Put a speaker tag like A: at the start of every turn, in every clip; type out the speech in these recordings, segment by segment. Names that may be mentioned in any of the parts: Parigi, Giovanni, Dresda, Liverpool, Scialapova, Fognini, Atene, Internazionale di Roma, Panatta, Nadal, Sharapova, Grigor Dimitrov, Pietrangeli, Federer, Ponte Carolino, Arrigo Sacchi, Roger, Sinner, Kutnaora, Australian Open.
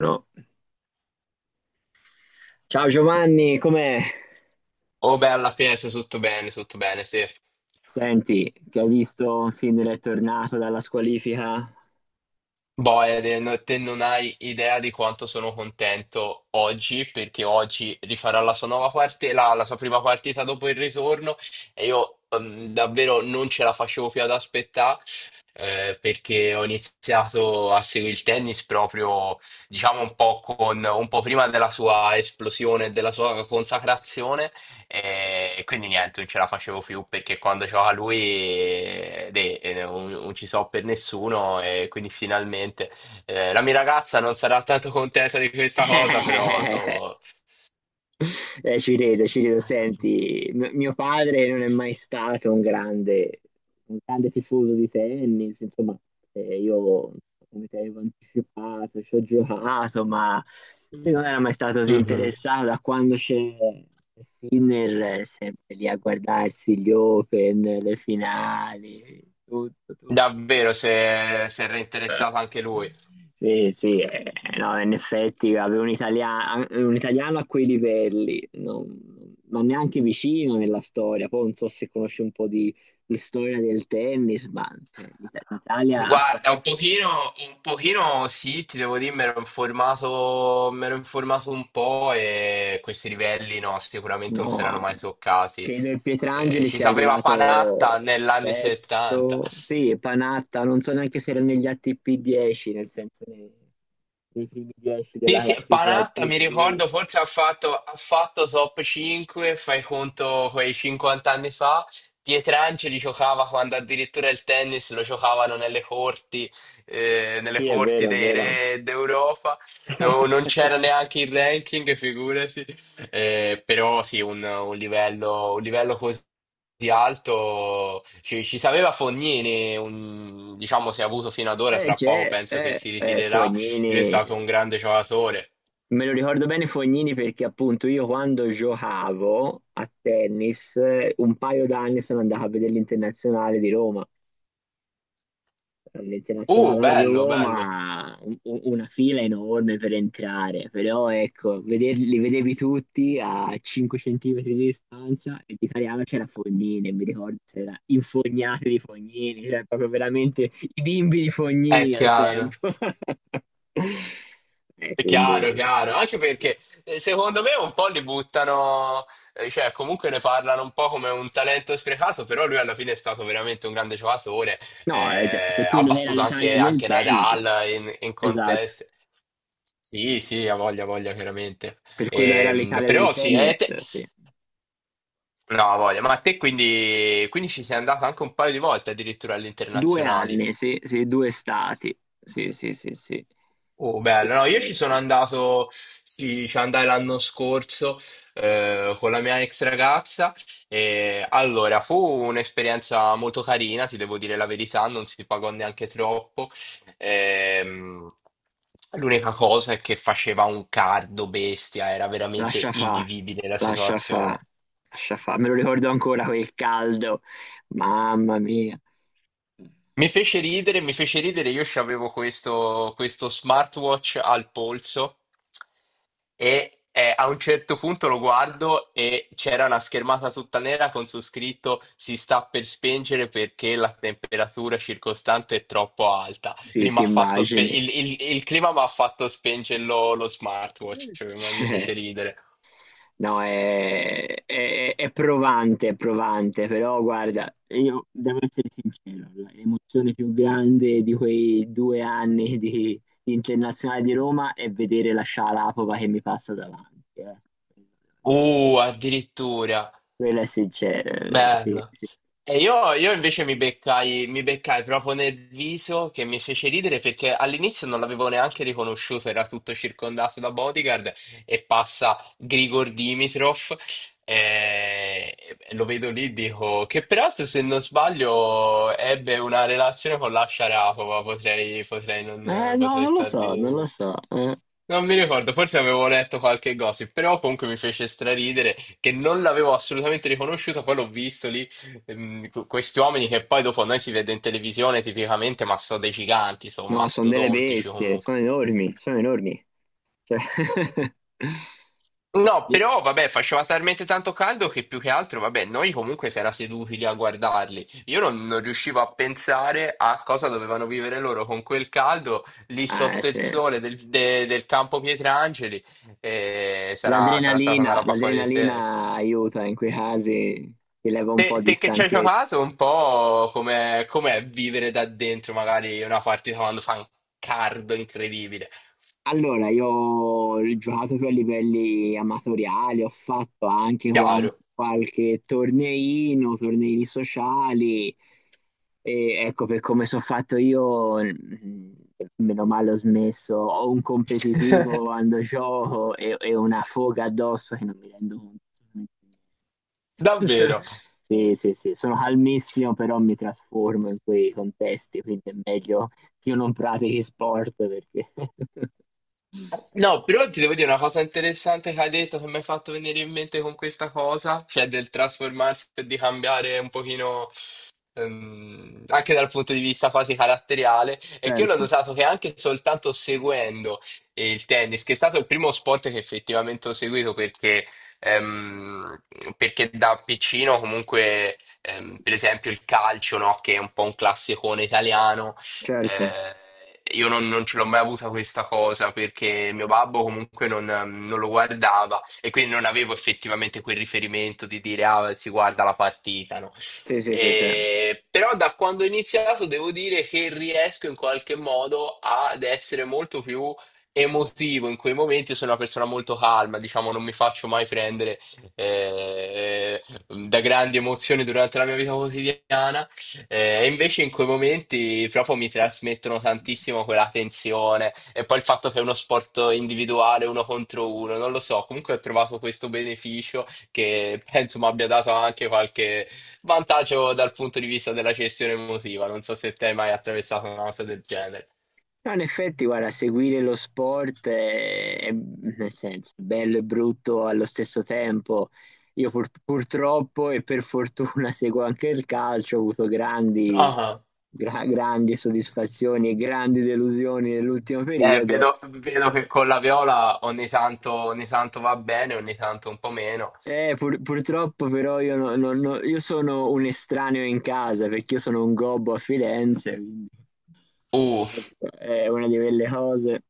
A: No. Ciao Giovanni, com'è?
B: Oh beh, alla fine sei tutto bene, sì.
A: Senti, che ho visto un film è tornato dalla squalifica?
B: Boh, Ede, te non hai idea di quanto sono contento oggi, perché oggi rifarà la sua nuova parte, la sua prima partita dopo il ritorno, e io davvero non ce la facevo più ad aspettare. Perché ho iniziato a seguire il tennis proprio, diciamo, un po', con, un po' prima della sua esplosione, e della sua consacrazione, e, quindi niente, non ce la facevo più perché quando c'era lui non, non ci so per nessuno e quindi finalmente la mia ragazza non sarà tanto contenta di questa cosa, però so...
A: Ci rido, ci rido. Senti, mio padre non è mai stato un grande tifoso di tennis, insomma, io, come ti avevo anticipato, ci ho giocato, ma lui non era mai stato così
B: Mhm.
A: interessato da quando c'è Sinner, sempre lì a guardarsi gli Open, le finali, tutto, tutto.
B: Davvero, se era interessato anche lui.
A: Sì, sì, no, in effetti avere un italiano a quei livelli, non neanche vicino nella storia. Poi non so se conosci un po' di storia del tennis, ma cioè, l'Italia ha fatto...
B: Guarda, un pochino sì, ti devo dire, mi ero informato un po' e questi livelli no, sicuramente non si
A: No,
B: erano mai toccati.
A: credo il Pietrangeli
B: Ci
A: sia
B: sapeva Panatta
A: arrivato
B: negli anni 70.
A: sesto, sì, Panatta, non so neanche se era negli ATP 10, nel senso nei, nei primi 10
B: Sì,
A: della
B: sì,
A: classifica
B: Panatta mi
A: ATP.
B: ricordo, forse ha fatto top 5, fai conto quei 50 anni fa. Pietrangeli giocava quando addirittura il tennis lo giocavano nelle
A: Sì, è
B: corti
A: vero, è
B: dei
A: vero.
B: re d'Europa. No, non c'era neanche il ranking, figurati. Però sì, un livello così alto ci sapeva Fognini, diciamo, si è avuto fino ad ora, tra poco penso che si ritirerà. Lui è
A: Fognini,
B: stato un grande giocatore.
A: me lo ricordo bene Fognini perché appunto io quando giocavo a tennis un paio d'anni sono andato a vedere l'Internazionale di Roma. L'internazionale a
B: Bello, bello.
A: Roma, una fila enorme per entrare, però ecco, vederli, li vedevi tutti a 5 centimetri di distanza e di Cariano c'era Fognini, e mi ricordo c'era infognati di Fognini, c'era proprio veramente i bimbi di
B: È
A: Fognini al
B: chiaro.
A: tempo. Eh,
B: È chiaro,
A: quindi...
B: chiaro.
A: sì,
B: Anche
A: sì, sì.
B: perché secondo me un po' li buttano, cioè comunque ne parlano un po' come un talento sprecato, però lui alla fine è stato veramente un grande giocatore.
A: No, cioè, per
B: Eh, ha
A: quello che era
B: battuto
A: l'Italia
B: anche,
A: del
B: anche
A: tennis,
B: Nadal in, in
A: esatto,
B: contest. Sì, sì, ha voglia, chiaramente.
A: per quello che era l'Italia del
B: Però sì,
A: tennis, sì.
B: no, ha voglia. Ma a te quindi, quindi ci sei andato anche un paio di volte addirittura
A: Due
B: all'internazionale.
A: anni, sì, sì, due estati. Sì, sì, sì, sì.
B: Oh, bello,
A: E-
B: no, io ci sono andato, sì, ci andai l'anno scorso con la mia ex ragazza e allora fu un'esperienza molto carina, ti devo dire la verità, non si pagò neanche troppo. Ehm, L'unica cosa è che faceva un caldo bestia, era veramente
A: Lascia fa,
B: invivibile la
A: lascia fa,
B: situazione.
A: lascia fa. Me lo ricordo ancora quel caldo. Mamma mia.
B: Mi fece ridere, io avevo questo, questo smartwatch al polso e a un certo punto lo guardo e c'era una schermata tutta nera con su scritto si sta per spengere perché la temperatura circostante è troppo alta.
A: Sì,
B: Quindi
A: ti
B: m'ha fatto spe-
A: immagini.
B: il clima mi ha fatto spengere lo smartwatch, cioè, mi
A: Cioè,
B: fece ridere.
A: no, è provante, però guarda, io devo essere sincero, l'emozione più grande di quei due anni di Internazionale di Roma è vedere la Scialapova che mi passa davanti. Eh.
B: Addirittura,
A: Quella è sincera, sì,
B: bello.
A: sì.
B: E io invece mi beccai proprio nel viso che mi fece ridere perché all'inizio non l'avevo neanche riconosciuto, era tutto circondato da bodyguard e passa Grigor Dimitrov e lo vedo lì, dico che peraltro se non sbaglio ebbe una relazione con la Sharapova, potrei, potrei non,
A: No,
B: potrei
A: non lo
B: star di...
A: so, non lo so. Eh.
B: Non mi ricordo, forse avevo letto qualche gossip, però comunque mi fece straridere che non l'avevo assolutamente riconosciuto, poi l'ho visto lì, questi uomini che poi dopo noi si vede in televisione tipicamente, ma sono dei giganti, sono
A: No, sono delle
B: mastodontici
A: bestie,
B: comunque.
A: sono enormi, sono enormi. Cioè...
B: No, però vabbè, faceva talmente tanto caldo che più che altro, vabbè, noi comunque si era seduti lì a guardarli. Io non, non riuscivo a pensare a cosa dovevano vivere loro con quel caldo lì sotto il
A: Sì.
B: sole del campo Pietrangeli. E sarà, sarà stata
A: L'adrenalina,
B: una roba fuori di
A: l'adrenalina
B: testa.
A: aiuta in quei casi, ti leva un
B: Te,
A: po' di
B: te che ci hai
A: stanchezza.
B: giocato un po' com'è, com'è vivere da dentro magari una partita quando fa un cardo incredibile.
A: Allora, io ho giocato per livelli amatoriali, ho fatto anche
B: Chiaro.
A: qualche torneino, torneini sociali. Ecco, per come sono fatto io, meno male ho smesso. Ho un competitivo quando gioco e una foga addosso che non mi rendo conto. Cioè,
B: Davvero.
A: sì, sì, sì, sono calmissimo, però mi trasformo in quei contesti, quindi è meglio che io non pratichi sport perché...
B: No, però ti devo dire una cosa interessante che hai detto, che mi hai fatto venire in mente con questa cosa, cioè del trasformarsi e di cambiare un pochino anche dal punto di vista quasi caratteriale, è che io l'ho
A: Certo,
B: notato che anche soltanto seguendo il tennis, che è stato il primo sport che effettivamente ho seguito ehm, perché da piccino comunque, per esempio il calcio, no, che è un po' un classicone italiano
A: certo.
B: eh, io non, non ce l'ho mai avuta questa cosa perché mio babbo comunque non lo guardava e quindi non avevo effettivamente quel riferimento di dire ah, si guarda la partita, no?
A: Sì, sì, sì, sì. No,
B: Però da quando ho iniziato devo dire che riesco in qualche modo ad essere molto più emotivo in quei momenti. Sono una persona molto calma, diciamo, non mi faccio mai prendere da grandi emozioni durante la mia vita quotidiana. Invece in quei momenti proprio mi trasmettono tantissimo quella tensione e poi il fatto che è uno sport individuale, uno contro uno, non lo so, comunque ho trovato questo beneficio che penso mi abbia dato anche qualche vantaggio dal punto di vista della gestione emotiva, non so se te hai mai attraversato una cosa del genere.
A: in effetti, guarda, seguire lo sport nel senso, bello e brutto allo stesso tempo. Io purtroppo e per fortuna seguo anche il calcio, ho avuto grandi,
B: Ah,
A: grandi soddisfazioni e grandi delusioni nell'ultimo periodo.
B: vedo, vedo che con la viola ogni tanto va bene, ogni tanto un po' meno.
A: Purtroppo però io, no- no- no- io sono un estraneo in casa perché io sono un gobbo a Firenze, quindi
B: Uh,
A: ecco, è una di quelle cose.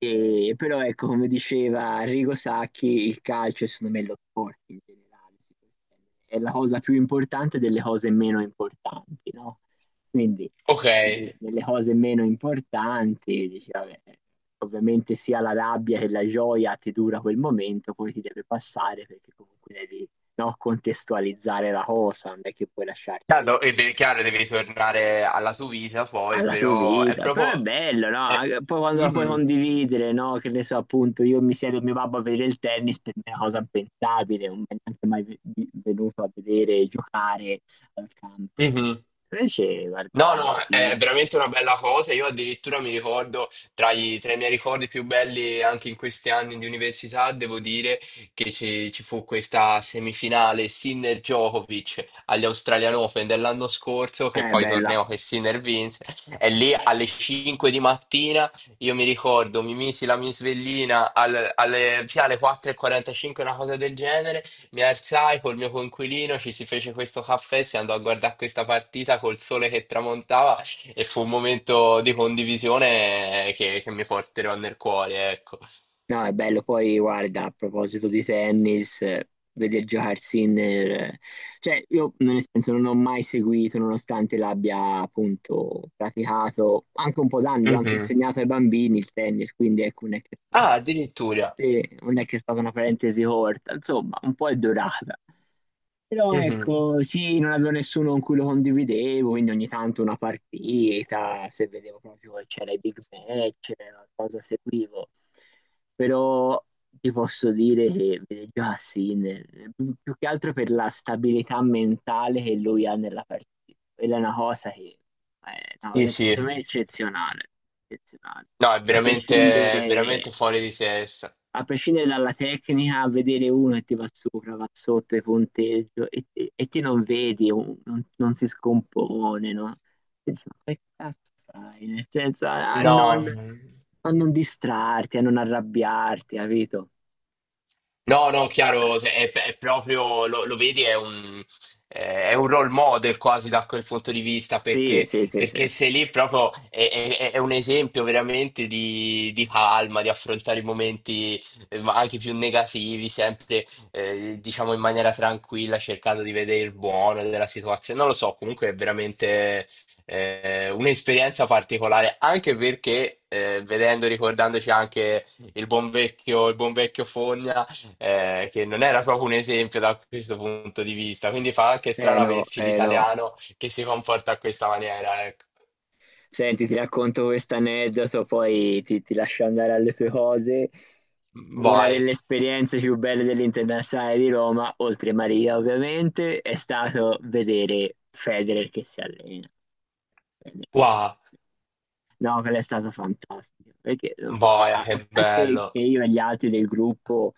A: E però ecco, come diceva Arrigo Sacchi, il calcio e secondo me lo sport in generale si può estendere, è la cosa più importante delle cose meno importanti, no? Quindi
B: ok.
A: nelle cose meno importanti, dici, vabbè, ovviamente sia la rabbia che la gioia ti dura quel momento, poi ti deve passare perché comunque devi, no, contestualizzare la cosa, non è che puoi lasciarti
B: Chiaro, chiaro, devi tornare alla sua vita poi,
A: alla tua
B: però è
A: vita, però è
B: proprio...
A: bello, no?
B: È...
A: Anche- Poi quando la puoi
B: Mhm,
A: condividere, no? Che ne so, appunto, io mi siedo con mio babbo a vedere il tennis, per me è una cosa impensabile, non mi è neanche mai venuto a vedere giocare al campo.
B: mhm.
A: Invece
B: No,
A: guardare,
B: no,
A: sì,
B: è veramente una bella cosa. Io addirittura mi ricordo, tra i miei ricordi più belli anche in questi anni di università, devo dire che ci fu questa semifinale Sinner-Djokovic agli Australian Open dell'anno scorso, che
A: è
B: poi
A: bella.
B: torneo che Sinner vinse. E lì alle 5 di mattina, io mi ricordo, mi misi la mia svellina al- alle, sì, alle 4:45, una cosa del genere, mi alzai col mio coinquilino, ci si fece questo caffè, si andò a guardare questa partita col sole che tramontava e fu un momento di condivisione che mi porterò nel cuore, ecco.
A: No, è bello. Poi, guarda, a proposito di tennis, vedi giocare Sinner. Eh, cioè, io nel senso non ho mai seguito, nonostante l'abbia appunto praticato anche un po' d'anni, l'ho anche
B: Mhm.
A: insegnato ai bambini il tennis, quindi ecco, non è che,
B: Ah, addirittura.
A: sì, non è che è stata una parentesi corta, insomma, un po' è durata. Però
B: Mhm.
A: ecco, sì, non avevo nessuno con cui lo condividevo, quindi ogni tanto una partita, se vedevo proprio che c'era i big match, la cosa seguivo. Però ti posso dire che vede già Sinner, più che altro per la stabilità mentale che lui ha nella partita. Quella è una cosa che è una
B: Sì,
A: cosa che
B: sì.
A: secondo me è eccezionale, eccezionale.
B: No,
A: A
B: è veramente
A: prescindere
B: fuori di testa.
A: a prescindere dalla tecnica, a vedere uno che ti va sopra, va sotto e punteggio e ti non vedi, non si scompone, no? E dici, ma che cazzo fai? Nel senso,
B: No. No, no.
A: a non distrarti, a non arrabbiarti, capito?
B: No, no,
A: Eh,
B: chiaro, è proprio, lo, lo vedi, è un role model quasi da quel punto di vista,
A: Sì, sì, sì, sì.
B: perché sei lì proprio, è un esempio veramente di calma, di affrontare i momenti ma anche più negativi, sempre, diciamo, in maniera tranquilla, cercando di vedere il buono della situazione. Non lo so, comunque è veramente un'esperienza particolare, anche perché, vedendo, ricordandoci anche il buon vecchio Fogna, che non era proprio un esempio da questo punto di vista. Quindi fa anche
A: Eh
B: strano
A: no,
B: averci
A: eh no.
B: l'italiano che si comporta a questa maniera, ecco.
A: Senti, ti racconto questo aneddoto, poi ti lascio andare alle tue cose. Una
B: Vai,
A: delle esperienze più belle dell'Internazionale di Roma, oltre Maria ovviamente, è stato vedere Federer che si allena.
B: wow,
A: No, quello è stato fantastico, perché
B: boia,
A: a
B: che
A: parte
B: bello.
A: che io e gli altri del gruppo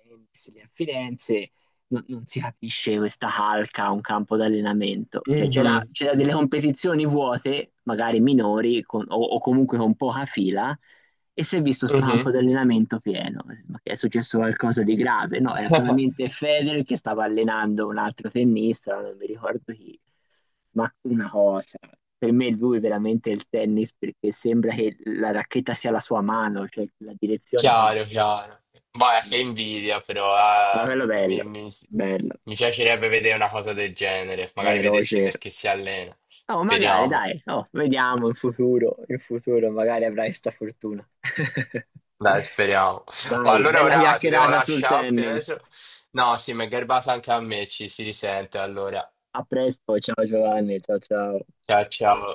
A: Tennis lì a Firenze non si capisce questa calca a un campo d'allenamento. Cioè,
B: Mhm,
A: c'era delle competizioni vuote, magari minori o comunque con poca fila, e si è visto sto
B: mhm.
A: campo d'allenamento pieno. Ma che è successo qualcosa di grave? No, era solamente Federer che stava allenando un altro tennista, non mi ricordo chi. Ma una cosa, per me lui è veramente il tennis perché sembra che la racchetta sia la sua mano, cioè la direzione con
B: Chiaro, chiaro. Boia, che invidia, però
A: ma quello bello, bello.
B: mi piacerebbe vedere una cosa del genere. Magari vedessi nel
A: Roger.
B: che si allena.
A: Oh, magari,
B: Speriamo.
A: dai. Oh, vediamo in futuro magari avrai sta fortuna.
B: Dai, speriamo. Oh,
A: Dai,
B: allora
A: bella
B: ora ti devo
A: chiacchierata sul
B: lasciare, Pietro.
A: tennis.
B: No, sì, mi è garbata anche a me, ci si risente allora.
A: A presto, ciao Giovanni, ciao ciao.
B: Ciao, ciao.